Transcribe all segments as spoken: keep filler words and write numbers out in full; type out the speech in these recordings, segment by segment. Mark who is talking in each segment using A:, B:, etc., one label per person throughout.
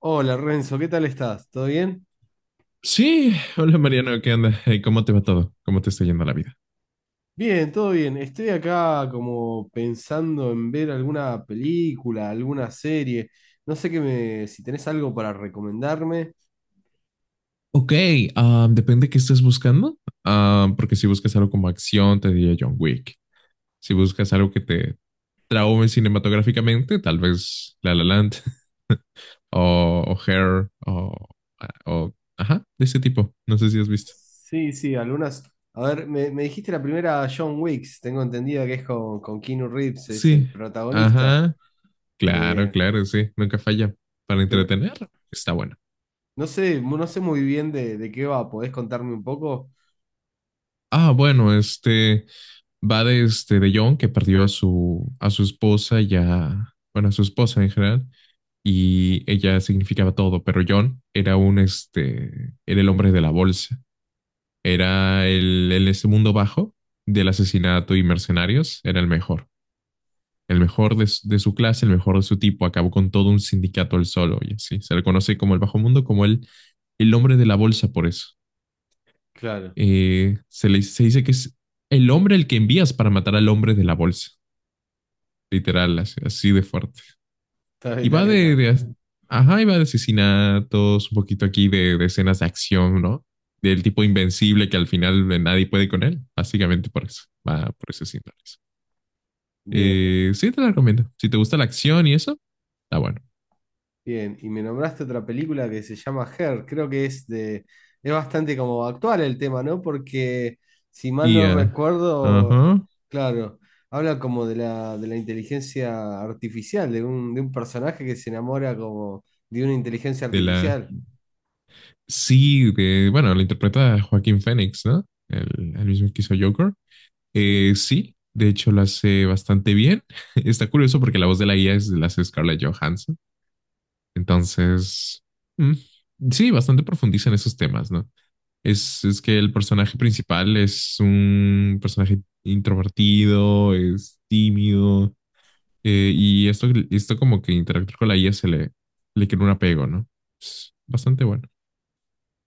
A: Hola Renzo, ¿qué tal estás? ¿Todo bien?
B: Sí, hola Mariano, ¿qué onda? Hey, ¿cómo te va todo? ¿Cómo te está yendo la vida?
A: Bien, todo bien. Estoy acá como pensando en ver alguna película, alguna serie. No sé qué me, si tenés algo para recomendarme.
B: Ok, ah, depende de qué estés buscando. Ah, porque si buscas algo como acción, te diría John Wick. Si buscas algo que te traume cinematográficamente, tal vez La La Land o, o Hair, o, o- ajá, de ese tipo. No sé si has visto.
A: Sí, sí, algunas. A ver, me, me dijiste la primera John Wick, tengo entendido que es con, con Keanu Reeves, es el
B: Sí,
A: protagonista.
B: ajá, claro,
A: Eh,
B: claro, sí, nunca falla para
A: pero
B: entretener. Está bueno.
A: no sé, mu- no sé muy bien de, de qué va. ¿Podés contarme un poco?
B: Ah, bueno, este. Va de este de John, que perdió a su, a su esposa y a, bueno, a su esposa en general, y ella significaba todo, pero John era un, este, era el hombre de la bolsa, era el, el este mundo bajo del asesinato y mercenarios, era el mejor, el mejor de, de su clase, el mejor de su tipo, acabó con todo un sindicato él solo, y así, se le conoce como el bajo mundo, como el, el hombre de la bolsa por eso.
A: Claro,
B: Eh, se le, se dice que es el hombre el que envías para matar al hombre de la bolsa. Literal, así, así de fuerte.
A: está bien,
B: Y
A: está
B: va
A: bien, está
B: de,
A: bien.
B: de as- Ajá, y va de asesinatos, un poquito aquí de, de escenas de acción, ¿no? Del tipo invencible que al final nadie puede con él, básicamente por eso, va por esos síntomas.
A: Bien,
B: Eh,
A: bien.
B: sí, te la recomiendo. Si te gusta la acción y eso, está bueno.
A: Bien, y me nombraste otra película que se llama Her, creo que es de, es bastante como actual el tema, ¿no? Porque si mal
B: Y,
A: no
B: ah,
A: recuerdo,
B: ajá,
A: claro, habla como de la, de la inteligencia artificial, de un, de un personaje que se enamora como de una inteligencia
B: de la,
A: artificial.
B: sí, de, bueno, la interpreta Joaquín Phoenix, ¿no? El, el mismo que hizo Joker.
A: Sí,
B: Eh, sí, de hecho lo hace bastante bien. Está curioso porque la voz de la guía es, la hace Scarlett Johansson. Entonces, mm, sí, bastante profundiza en esos temas, ¿no? Es, es que el personaje principal es un personaje introvertido, es tímido, eh, y esto, esto como que interactuar con la I A se le, le crea un apego, ¿no? Es bastante bueno.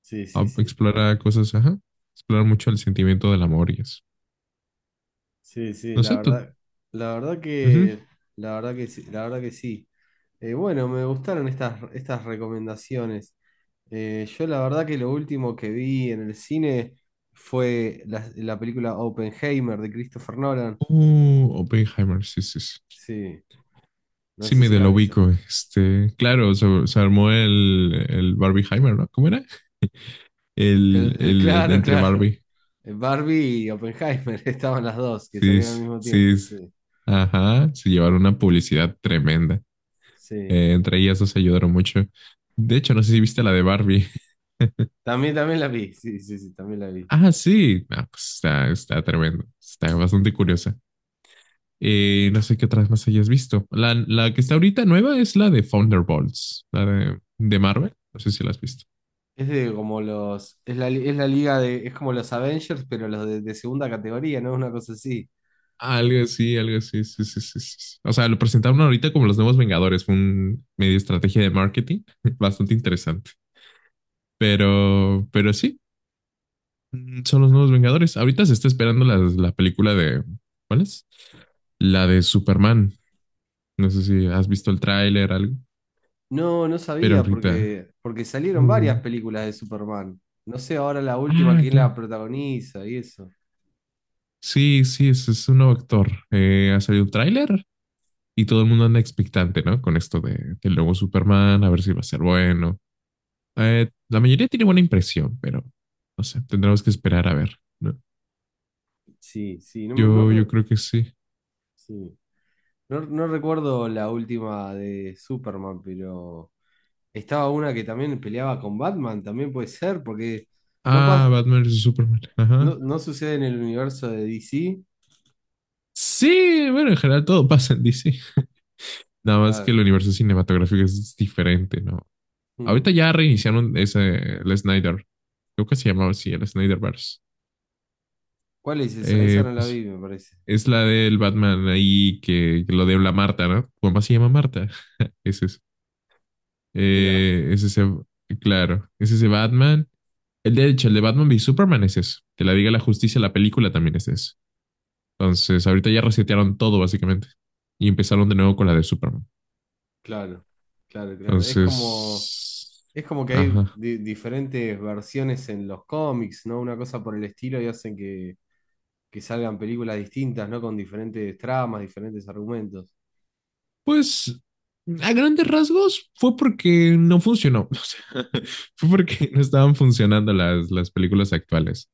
A: sí, sí,
B: Ah,
A: sí.
B: Explora cosas, ajá. Explorar mucho el sentimiento del amor y eso.
A: Sí, sí,
B: No
A: la
B: sé, tú.
A: verdad, la verdad
B: Ujú.
A: que, la verdad que sí, la verdad que sí. Eh, bueno, me gustaron estas, estas recomendaciones. Eh, yo la verdad que lo último que vi en el cine fue la, la película Oppenheimer de Christopher Nolan.
B: Oh, Oppenheimer, sí, sí, sí.
A: Sí, no
B: Sí,
A: sé
B: me
A: si
B: de
A: la
B: la
A: has visto.
B: ubico. Este, claro, se, se armó el, el Barbieheimer, ¿no? ¿Cómo era?
A: El,
B: El,
A: el-
B: el,
A: claro,
B: entre
A: claro.
B: Barbie.
A: El Barbie y Oppenheimer estaban las dos que
B: Sí,
A: salieron al
B: sí,
A: mismo tiempo,
B: sí, sí.
A: sí.
B: Ajá. Se llevaron una publicidad tremenda.
A: Sí.
B: Eh, entre ellas dos se ayudaron mucho. De hecho, no sé si viste la de Barbie.
A: También, también la vi, sí, sí, sí, también la vi.
B: Ah, sí. Ah, pues está, está tremendo. Está bastante curiosa. Eh, no sé qué otras más hayas visto. La, la que está ahorita nueva es la de Thunderbolts, la de, de Marvel. No sé si la has visto.
A: Es de como los, es la, li- es la liga de, es como los Avengers, pero los de, de segunda categoría, ¿no? Una cosa así.
B: Algo así, algo así, sí, sí, sí, sí, sí. O sea, lo presentaron ahorita como los nuevos Vengadores. Fue una media estrategia de marketing bastante interesante. Pero, pero sí, mm, son los nuevos Vengadores. Ahorita se está esperando la, la película de, ¿cuál es? La de Superman. No sé si has visto el tráiler, algo,
A: No, no
B: pero
A: sabía
B: ahorita.
A: porque, porque salieron varias
B: Uh,
A: películas de Superman. No sé ahora la última
B: ah,
A: quién
B: claro.
A: la protagoniza y eso.
B: Sí, sí, es, es un nuevo actor. Eh, ha salido un tráiler y todo el mundo anda expectante, ¿no? Con esto de, del nuevo Superman, a ver si va a ser bueno. Eh, la mayoría tiene buena impresión, pero no sé, tendremos que esperar a ver, ¿no?
A: Sí, sí, no, me- no,
B: Yo, yo
A: re-
B: creo que sí.
A: sí. No, no recuerdo la última de Superman, pero estaba una que también peleaba con Batman, también puede ser, porque no
B: Ah,
A: pasa,
B: Batman vs Superman. Ajá.
A: no, no sucede en el universo de D C.
B: Sí, bueno, en general todo pasa en D C. Nada más que
A: Claro.
B: el universo cinematográfico es diferente, ¿no?
A: Mm.
B: Ahorita ya reiniciaron ese, el Snyder. Creo que se llamaba así, el Snyderverse.
A: ¿Cuál es esa? Esa
B: Eh,
A: no la
B: pues
A: vi, me parece.
B: es la del Batman ahí que, que lo de la Marta, ¿no? ¿Cómo más se llama Marta? Ese es.
A: Mirá.
B: Eh, es ese, claro, es ese Batman. El de hecho, el de Batman v Superman es eso. Que la diga la justicia, la película también es eso. Entonces, ahorita ya resetearon todo, básicamente. Y empezaron de nuevo con la de Superman.
A: Claro, claro, claro. Es como,
B: Entonces,
A: es como que hay
B: ajá.
A: di- diferentes versiones en los cómics, ¿no? Una cosa por el estilo y hacen que, que salgan películas distintas, ¿no? Con diferentes tramas, diferentes argumentos.
B: Pues a grandes rasgos fue porque no funcionó. O sea, fue porque no estaban funcionando las, las películas actuales.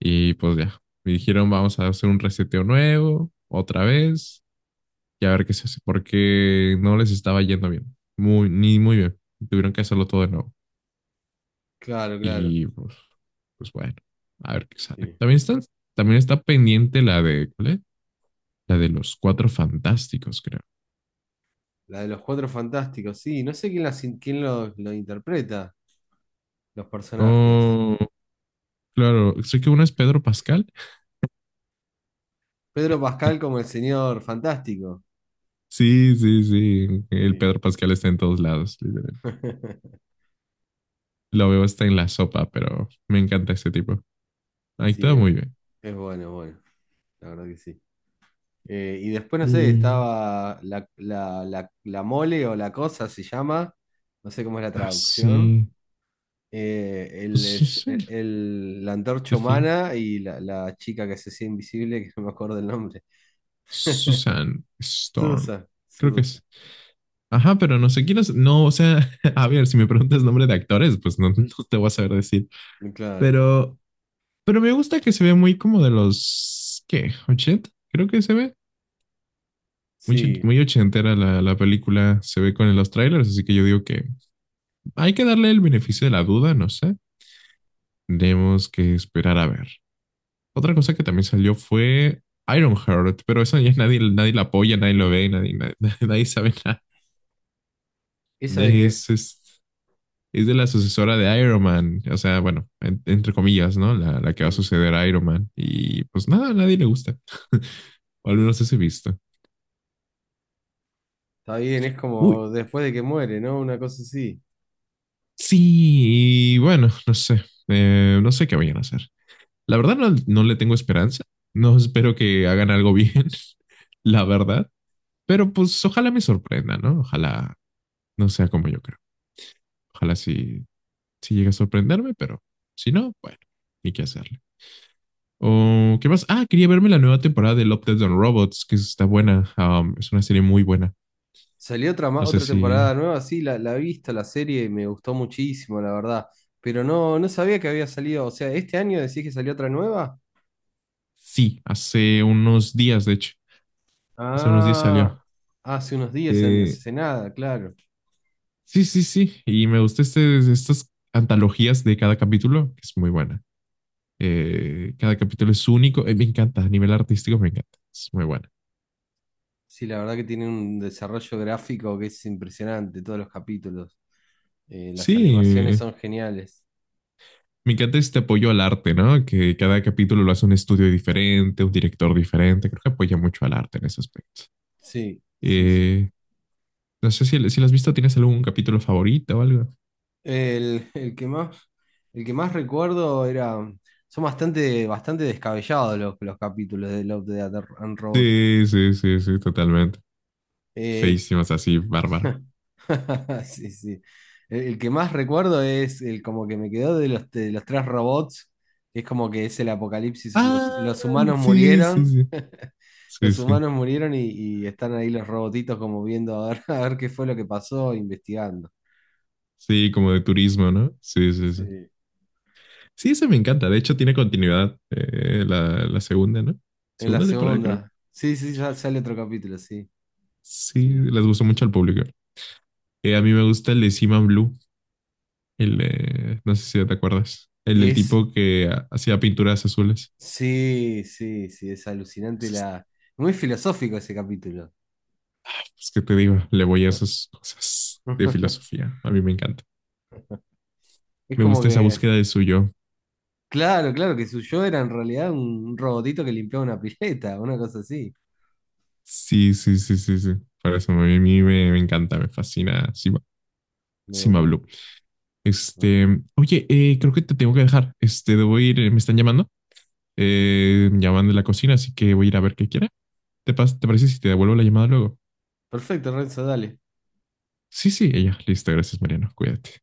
B: Y pues ya, me dijeron vamos a hacer un reseteo nuevo, otra vez, y a ver qué se hace, porque no les estaba yendo bien. Muy, ni muy bien. Tuvieron que hacerlo todo de nuevo.
A: Claro, claro.
B: Y pues, pues bueno, a ver qué sale.
A: Sí.
B: También están, también está pendiente la de, ¿cuál es? La de los cuatro fantásticos, creo.
A: La de los Cuatro Fantásticos, sí. No sé quién, las in- quién los, lo interpreta, los personajes.
B: Oh, claro, sé que uno es Pedro Pascal.
A: Pedro Pascal como el señor fantástico.
B: Sí, sí, sí. El
A: Sí.
B: Pedro Pascal está en todos lados. Literal. Lo veo hasta en la sopa, pero me encanta este tipo. Ahí
A: Sí,
B: está muy
A: eh,
B: bien.
A: es bueno, bueno. La verdad que sí. Eh, y después, no sé,
B: Mm,
A: estaba la, la, la, la mole o la cosa, se llama, no sé cómo es la
B: ah,
A: traducción.
B: sí.
A: Eh,
B: Pues
A: el,
B: sí,
A: es-
B: sí,
A: el- el- La
B: The
A: antorcha
B: Thing.
A: humana y la, la chica que se hacía invisible, que no me acuerdo el nombre.
B: Susan Storm.
A: Susa
B: Creo que
A: Susa
B: es. Ajá, pero no sé quién es. No, o sea, a ver, si me preguntas nombre de actores, pues no, no te voy a saber decir.
A: claro.
B: Pero, pero me gusta que se ve muy como de los, ¿qué? Ochenta. Creo que se ve. Muy, ch-
A: Sí,
B: muy ochentera la, la película se ve con los trailers, así que yo digo que hay que darle el beneficio de la duda, no sé. Tenemos que esperar a ver. Otra cosa que también salió fue Ironheart, pero eso ya nadie, nadie la apoya, nadie lo ve, nadie, nadie, nadie sabe nada.
A: esa de que
B: Es,
A: es.
B: es, es de la sucesora de Iron Man, o sea, bueno, en- entre comillas, ¿no? La, la que va a
A: Mm,
B: suceder a Iron Man. Y pues nada, a nadie le gusta, o al menos ese visto.
A: está bien, es
B: Uy,
A: como después de que muere, ¿no? Una cosa así.
B: sí, y bueno, no sé, Eh, no sé qué vayan a hacer. La verdad no, no le tengo esperanza. No, espero que hagan algo bien, la verdad. Pero pues ojalá me sorprenda, ¿no? Ojalá no sea como yo creo. Ojalá sí, sí llegue a sorprenderme, pero si no, bueno, ni qué hacerle. O, ¿qué más? Ah, quería verme la nueva temporada de Love, Death and Robots, que está buena. Um, es una serie muy buena.
A: Salió otra, ma-
B: No sé
A: otra
B: si...
A: temporada nueva, sí, la, la he visto, la serie, y me gustó muchísimo, la verdad. Pero no, no sabía que había salido. O sea, ¿este año decís que salió otra nueva?
B: Sí, hace unos días, de hecho. Hace unos días
A: Ah,
B: salió.
A: hace unos días, en-
B: Eh,
A: hace nada, claro.
B: sí, sí, sí. Y me gusta este, estas antologías de cada capítulo, que es muy buena. Eh, cada capítulo es único. Eh, me encanta, a nivel artístico me encanta. Es muy bueno.
A: Sí, la verdad que tiene un desarrollo gráfico que es impresionante, todos los capítulos. Eh, las animaciones
B: Sí,
A: son geniales.
B: me encanta este apoyo al arte, ¿no? Que cada capítulo lo hace un estudio diferente, un director diferente. Creo que apoya mucho al arte en ese aspecto.
A: Sí, sí, sí.
B: Eh, no sé si, si lo has visto, ¿tienes algún capítulo favorito o algo?
A: El, el que más, el que más recuerdo era. Son bastante, bastante descabellados los, los capítulos de Love, Death and Robots.
B: Sí, sí, sí, sí, totalmente.
A: Eh,
B: Feísimas así, bárbaro.
A: sí, sí. El, el que más recuerdo es el como que me quedó de los, de los tres robots, que es como que es el apocalipsis. Los,
B: Ah,
A: los humanos
B: sí, sí,
A: murieron,
B: sí. Sí,
A: los
B: sí.
A: humanos murieron y, y están ahí los robotitos como viendo a ver, a ver qué fue lo que pasó, investigando.
B: Sí, como
A: Eh,
B: de turismo, ¿no? Sí, sí, sí.
A: sí.
B: Sí, esa me encanta. De hecho, tiene continuidad, eh, la, la segunda, ¿no?
A: En la
B: Segunda temporada, creo.
A: segunda. Sí, sí, sa- sale otro capítulo, sí,
B: Sí,
A: sí.
B: les gustó mucho al público. Eh, a mí me gusta el de Seaman Blue, el eh, no sé si te acuerdas, el del
A: Es,
B: tipo que ha- hacía pinturas azules.
A: sí, sí, sí, es alucinante
B: Es,
A: la... Muy filosófico ese capítulo.
B: es que te digo, le voy a esas cosas de filosofía. A mí me encanta.
A: Es
B: Me
A: como
B: gusta esa
A: que...
B: búsqueda de su yo.
A: Claro, claro, que su yo era en realidad un robotito que limpiaba una pileta, una cosa así.
B: Sí, sí, sí, sí, sí. Por eso a mí, a mí me, me encanta, me fascina Sima
A: Me digo,
B: Sima
A: "Buah,
B: Blue.
A: buah".
B: Este, Oye, eh, creo que te tengo que dejar. Este, debo ir, eh, me están llamando. Eh, me llaman de la cocina, así que voy a ir a ver qué quiere. ¿Te, pas- te parece si te devuelvo la llamada luego?
A: Perfecto, Renzo, dale.
B: Sí, sí, ella. Listo, gracias, Mariano. Cuídate.